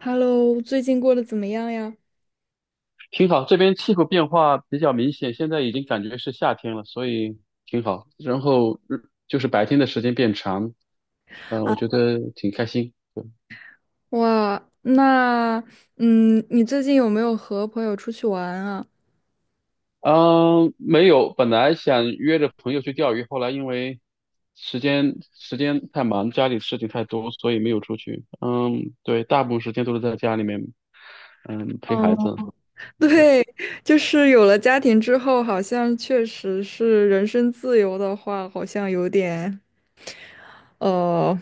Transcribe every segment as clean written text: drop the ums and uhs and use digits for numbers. Hello，最近过得怎么样呀？挺好，这边气候变化比较明显，现在已经感觉是夏天了，所以挺好。然后日就是白天的时间变长，我觉得挺开心。哇，那你最近有没有和朋友出去玩啊？嗯、没有，本来想约着朋友去钓鱼，后来因为时间太忙，家里事情太多，所以没有出去。嗯，对，大部分时间都是在家里面，嗯，陪孩哦，子。对，就是有了家庭之后，好像确实是人身自由的话，好像有点呃，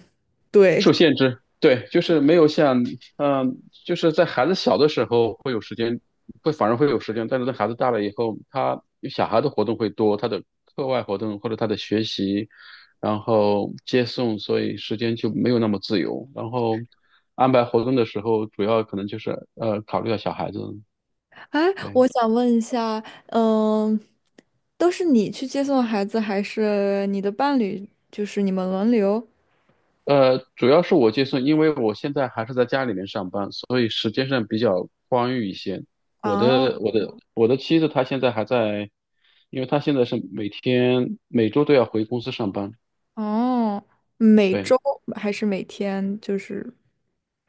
对。受限制，对，就是没有像，就是在孩子小的时候会有时间，反而会有时间，但是在孩子大了以后，他小孩的活动会多，他的课外活动或者他的学习，然后接送，所以时间就没有那么自由。然后安排活动的时候，主要可能就是考虑到小孩子，哎，对。我想问一下，嗯，都是你去接送孩子，还是你的伴侣？就是你们轮流？呃，主要是我接送，因为我现在还是在家里面上班，所以时间上比较宽裕一些。我啊，的我的我的妻子她现在还在，因为她现在是每天每周都要回公司上班，哦，每对，周还是每天？就是。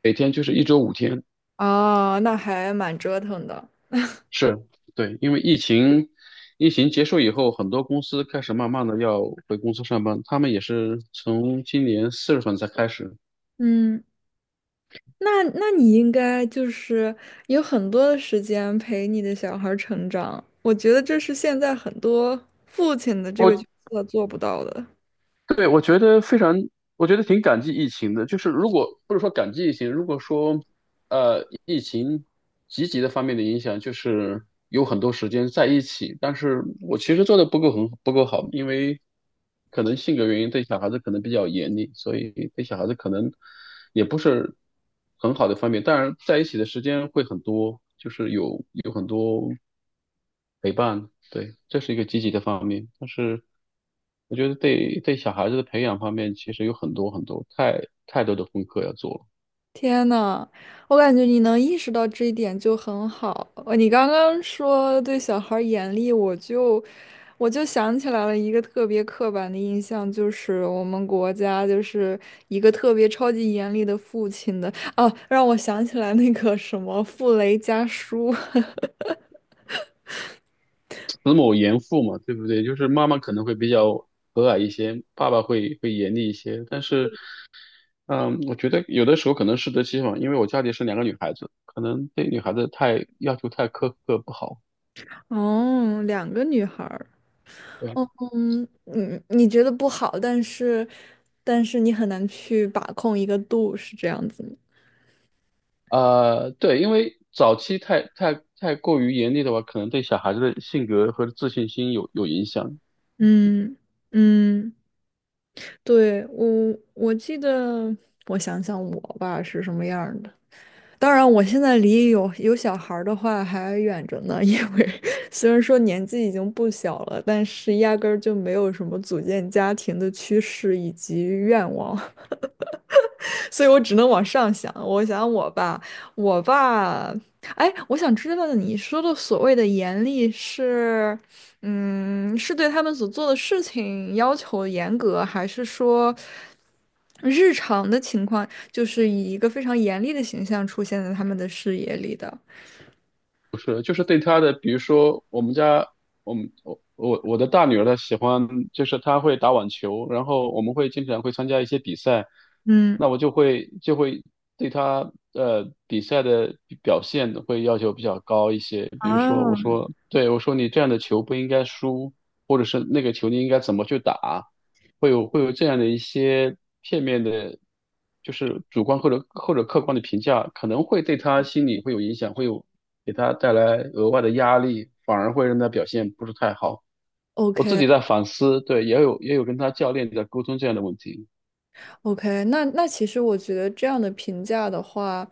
每天就是一周五天，哦，那还蛮折腾的。是，对，因为疫情结束以后，很多公司开始慢慢的要回公司上班，他们也是从今年四月份才开始。嗯，那你应该就是有很多的时间陪你的小孩儿成长，我觉得这是现在很多父亲的这个我角色做不到的。对，我觉得非常，我觉得挺感激疫情的。就是如果不是说感激疫情，如果说疫情积极的方面的影响，就是有很多时间在一起，但是我其实做的不够很不够好，因为可能性格原因对小孩子可能比较严厉，所以对小孩子可能也不是很好的方面。当然，在一起的时间会很多，就是有很多。陪伴，对，这是一个积极的方面。但是我觉得对小孩子的培养方面，其实有很多太多的功课要做了。天呐，我感觉你能意识到这一点就很好。呃你刚刚说对小孩儿严厉，我就想起来了一个特别刻板的印象，就是我们国家就是一个特别超级严厉的父亲的。哦，让我想起来那个什么傅雷家书。慈母严父嘛，对不对？就是妈妈可能会比较和蔼一些，爸爸会严厉一些。但是，嗯，我觉得有的时候可能适得其反，因为我家里是两个女孩子，可能对女孩子太要求太苛刻不好。哦，两个女孩儿。对。哦，你觉得不好，但是你很难去把控一个度，是这样子吗？呃，对，因为早期太过于严厉的话，可能对小孩子的性格和自信心有影响。嗯嗯。对，我记得，我想想我吧是什么样儿的。当然，我现在离有小孩儿的话还远着呢，因为 虽然说年纪已经不小了，但是压根儿就没有什么组建家庭的趋势以及愿望。所以我只能往上想。我想我爸，我爸，哎，我想知道你说的所谓的严厉是，嗯，是对他们所做的事情要求严格，还是说日常的情况就是以一个非常严厉的形象出现在他们的视野里的？不是，就是对他的，比如说我们家，我们我我我的大女儿她喜欢，就是她会打网球，然后我们会经常会参加一些比赛，嗯。那我就会对她比赛的表现会要求比较高一些，比如说我啊， 说对我说你这样的球不应该输，或者是那个球你应该怎么去打，会有这样的一些片面的，就是主观或者客观的评价，可能会对他心理会有影响，会有给他带来额外的压力，反而会让他表现不是太好。o 我自 k 己在反思，对，也有跟他教练在沟通这样的问题。o k 那那其实我觉得这样的评价的话，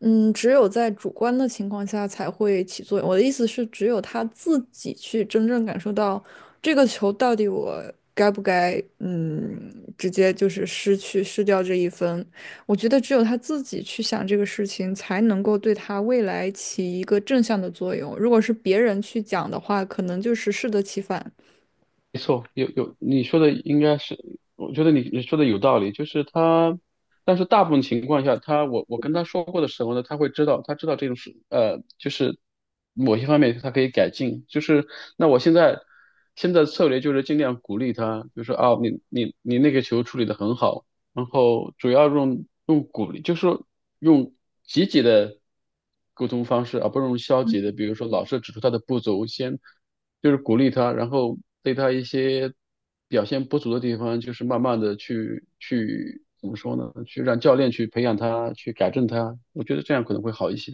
嗯，只有在主观的情况下才会起作用。我的意思是，只有他自己去真正感受到这个球到底我该不该，嗯，直接就是失掉这一分。我觉得只有他自己去想这个事情，才能够对他未来起一个正向的作用。如果是别人去讲的话，可能就是适得其反。没错，有你说的应该是，我觉得你说的有道理，就是他，但是大部分情况下，他我跟他说过的时候呢，他会知道，他知道这种事，呃，就是某些方面他可以改进，就是那我现在。现在策略就是尽量鼓励他，就说啊，你那个球处理得很好，然后主要用鼓励，就是说用积极的沟通方式，而不是用消极的。比如说，老师指出他的不足，先就是鼓励他，然后对他一些表现不足的地方，就是慢慢的去怎么说呢？去让教练去培养他，去改正他。我觉得这样可能会好一些。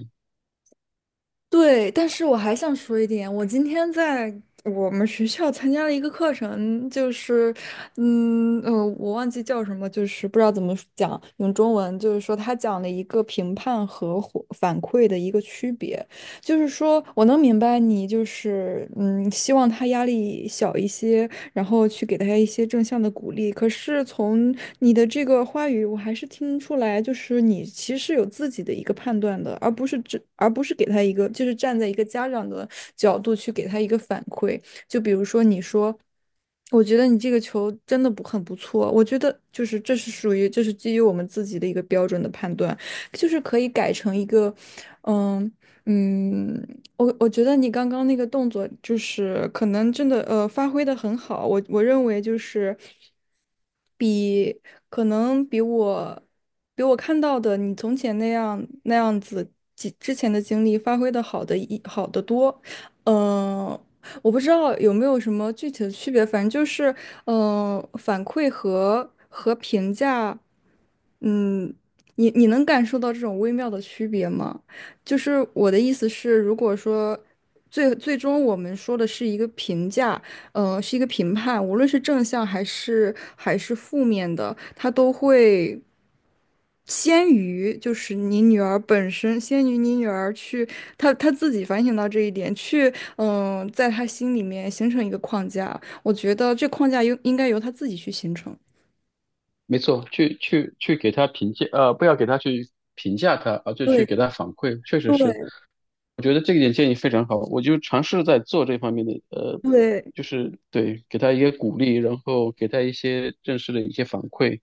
对，但是我还想说一点，我今天在我们学校参加了一个课程，就是，我忘记叫什么，就是不知道怎么讲，用中文就是说他讲了一个评判和回反馈的一个区别，就是说我能明白你就是，嗯，希望他压力小一些，然后去给大家一些正向的鼓励。可是从你的这个话语，我还是听出来，就是你其实有自己的一个判断的，而不是给他一个，就是站在一个家长的角度去给他一个反馈。就比如说，你说，我觉得你这个球真的不很不错，我觉得就是这是基于我们自己的一个标准的判断，就是可以改成一个，嗯。嗯，我觉得你刚刚那个动作就是可能真的发挥的很好，我认为就是。比可能比我比我看到的你从前那样子之前的经历发挥的好的一好得多，嗯、我不知道有没有什么具体的区别，反正就是，反馈和评价，嗯，你能感受到这种微妙的区别吗？就是我的意思是，如果说最终我们说的是一个评价，是一个评判，无论是正向还是负面的，它都会先于就是你女儿本身，先于你女儿去，她自己反省到这一点，去在她心里面形成一个框架。我觉得这框架应该由她自己去形成。没错，去给他评价，呃，不要给他去评价他，而就去给对他反馈，确实是。对我觉得这一点建议非常好，我就尝试在做这方面的，呃，对，就是对，给他一些鼓励，然后给他一些正式的一些反馈，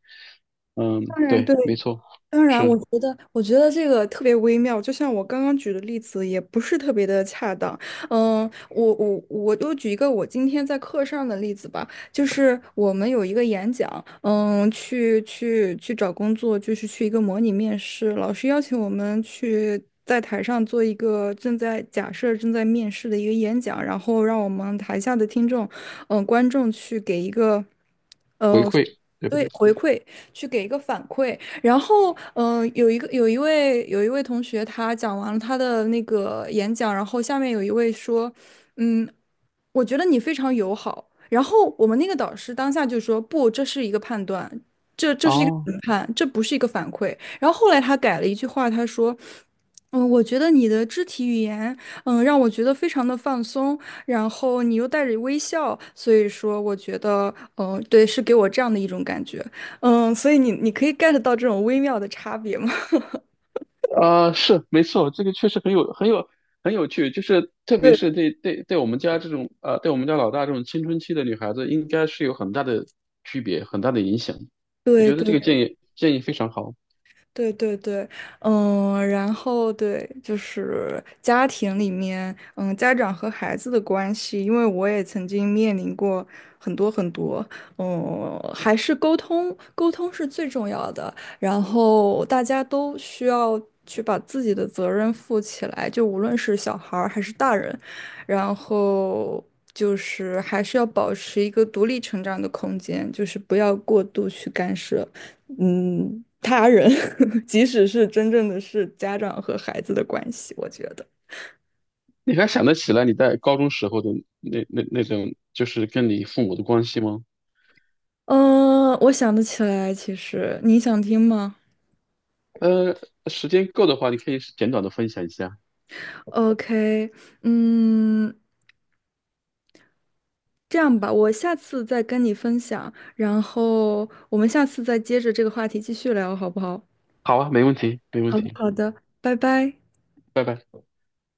嗯，当然对，对。没错，当然，我是觉得，我觉得这个特别微妙，就像我刚刚举的例子，也不是特别的恰当。嗯，我就举一个我今天在课上的例子吧，就是我们有一个演讲，嗯，去找工作，就是去一个模拟面试，老师邀请我们去。在台上做一个正在假设正在面试的一个演讲，然后让我们台下的听众，观众去给一个。回馈，对不对？去给一个反馈。然后，有一位同学，他讲完了他的那个演讲，然后下面有一位说，嗯，我觉得你非常友好。然后我们那个导师当下就说：“不，这是一个判断，这是一个哦，评判，这不是一个反馈。”然后后来他改了一句话，他说：“嗯，我觉得你的肢体语言，嗯，让我觉得非常的放松，然后你又带着微笑，所以说我觉得，嗯，对，是给我这样的一种感觉，嗯，所以你可以 get 到这种微妙的差别吗？” 是没错，这个确实很有趣，就是特别对是对我们家这种呃，对我们家老大这种青春期的女孩子，应该是有很大的区别，很大的影响。我对觉得这个对建议非常好。对对对，嗯，然后对，就是家庭里面，嗯，家长和孩子的关系，因为我也曾经面临过很多，嗯，还是沟通，沟通是最重要的，然后大家都需要去把自己的责任负起来，就无论是小孩儿还是大人，然后就是还是要保持一个独立成长的空间，就是不要过度去干涉。嗯，他人，即使是真正的是家长和孩子的关系，我觉得。你还想得起来你在高中时候的那种，就是跟你父母的关系吗？嗯，我想得起来，其实你想听吗呃，时间够的话，你可以简短的分享一下。？OK，嗯，这样吧，我下次再跟你分享，然后我们下次再接着这个话题继续聊，好不好？好啊，没问题，没问好的，题，好的，拜拜。拜拜。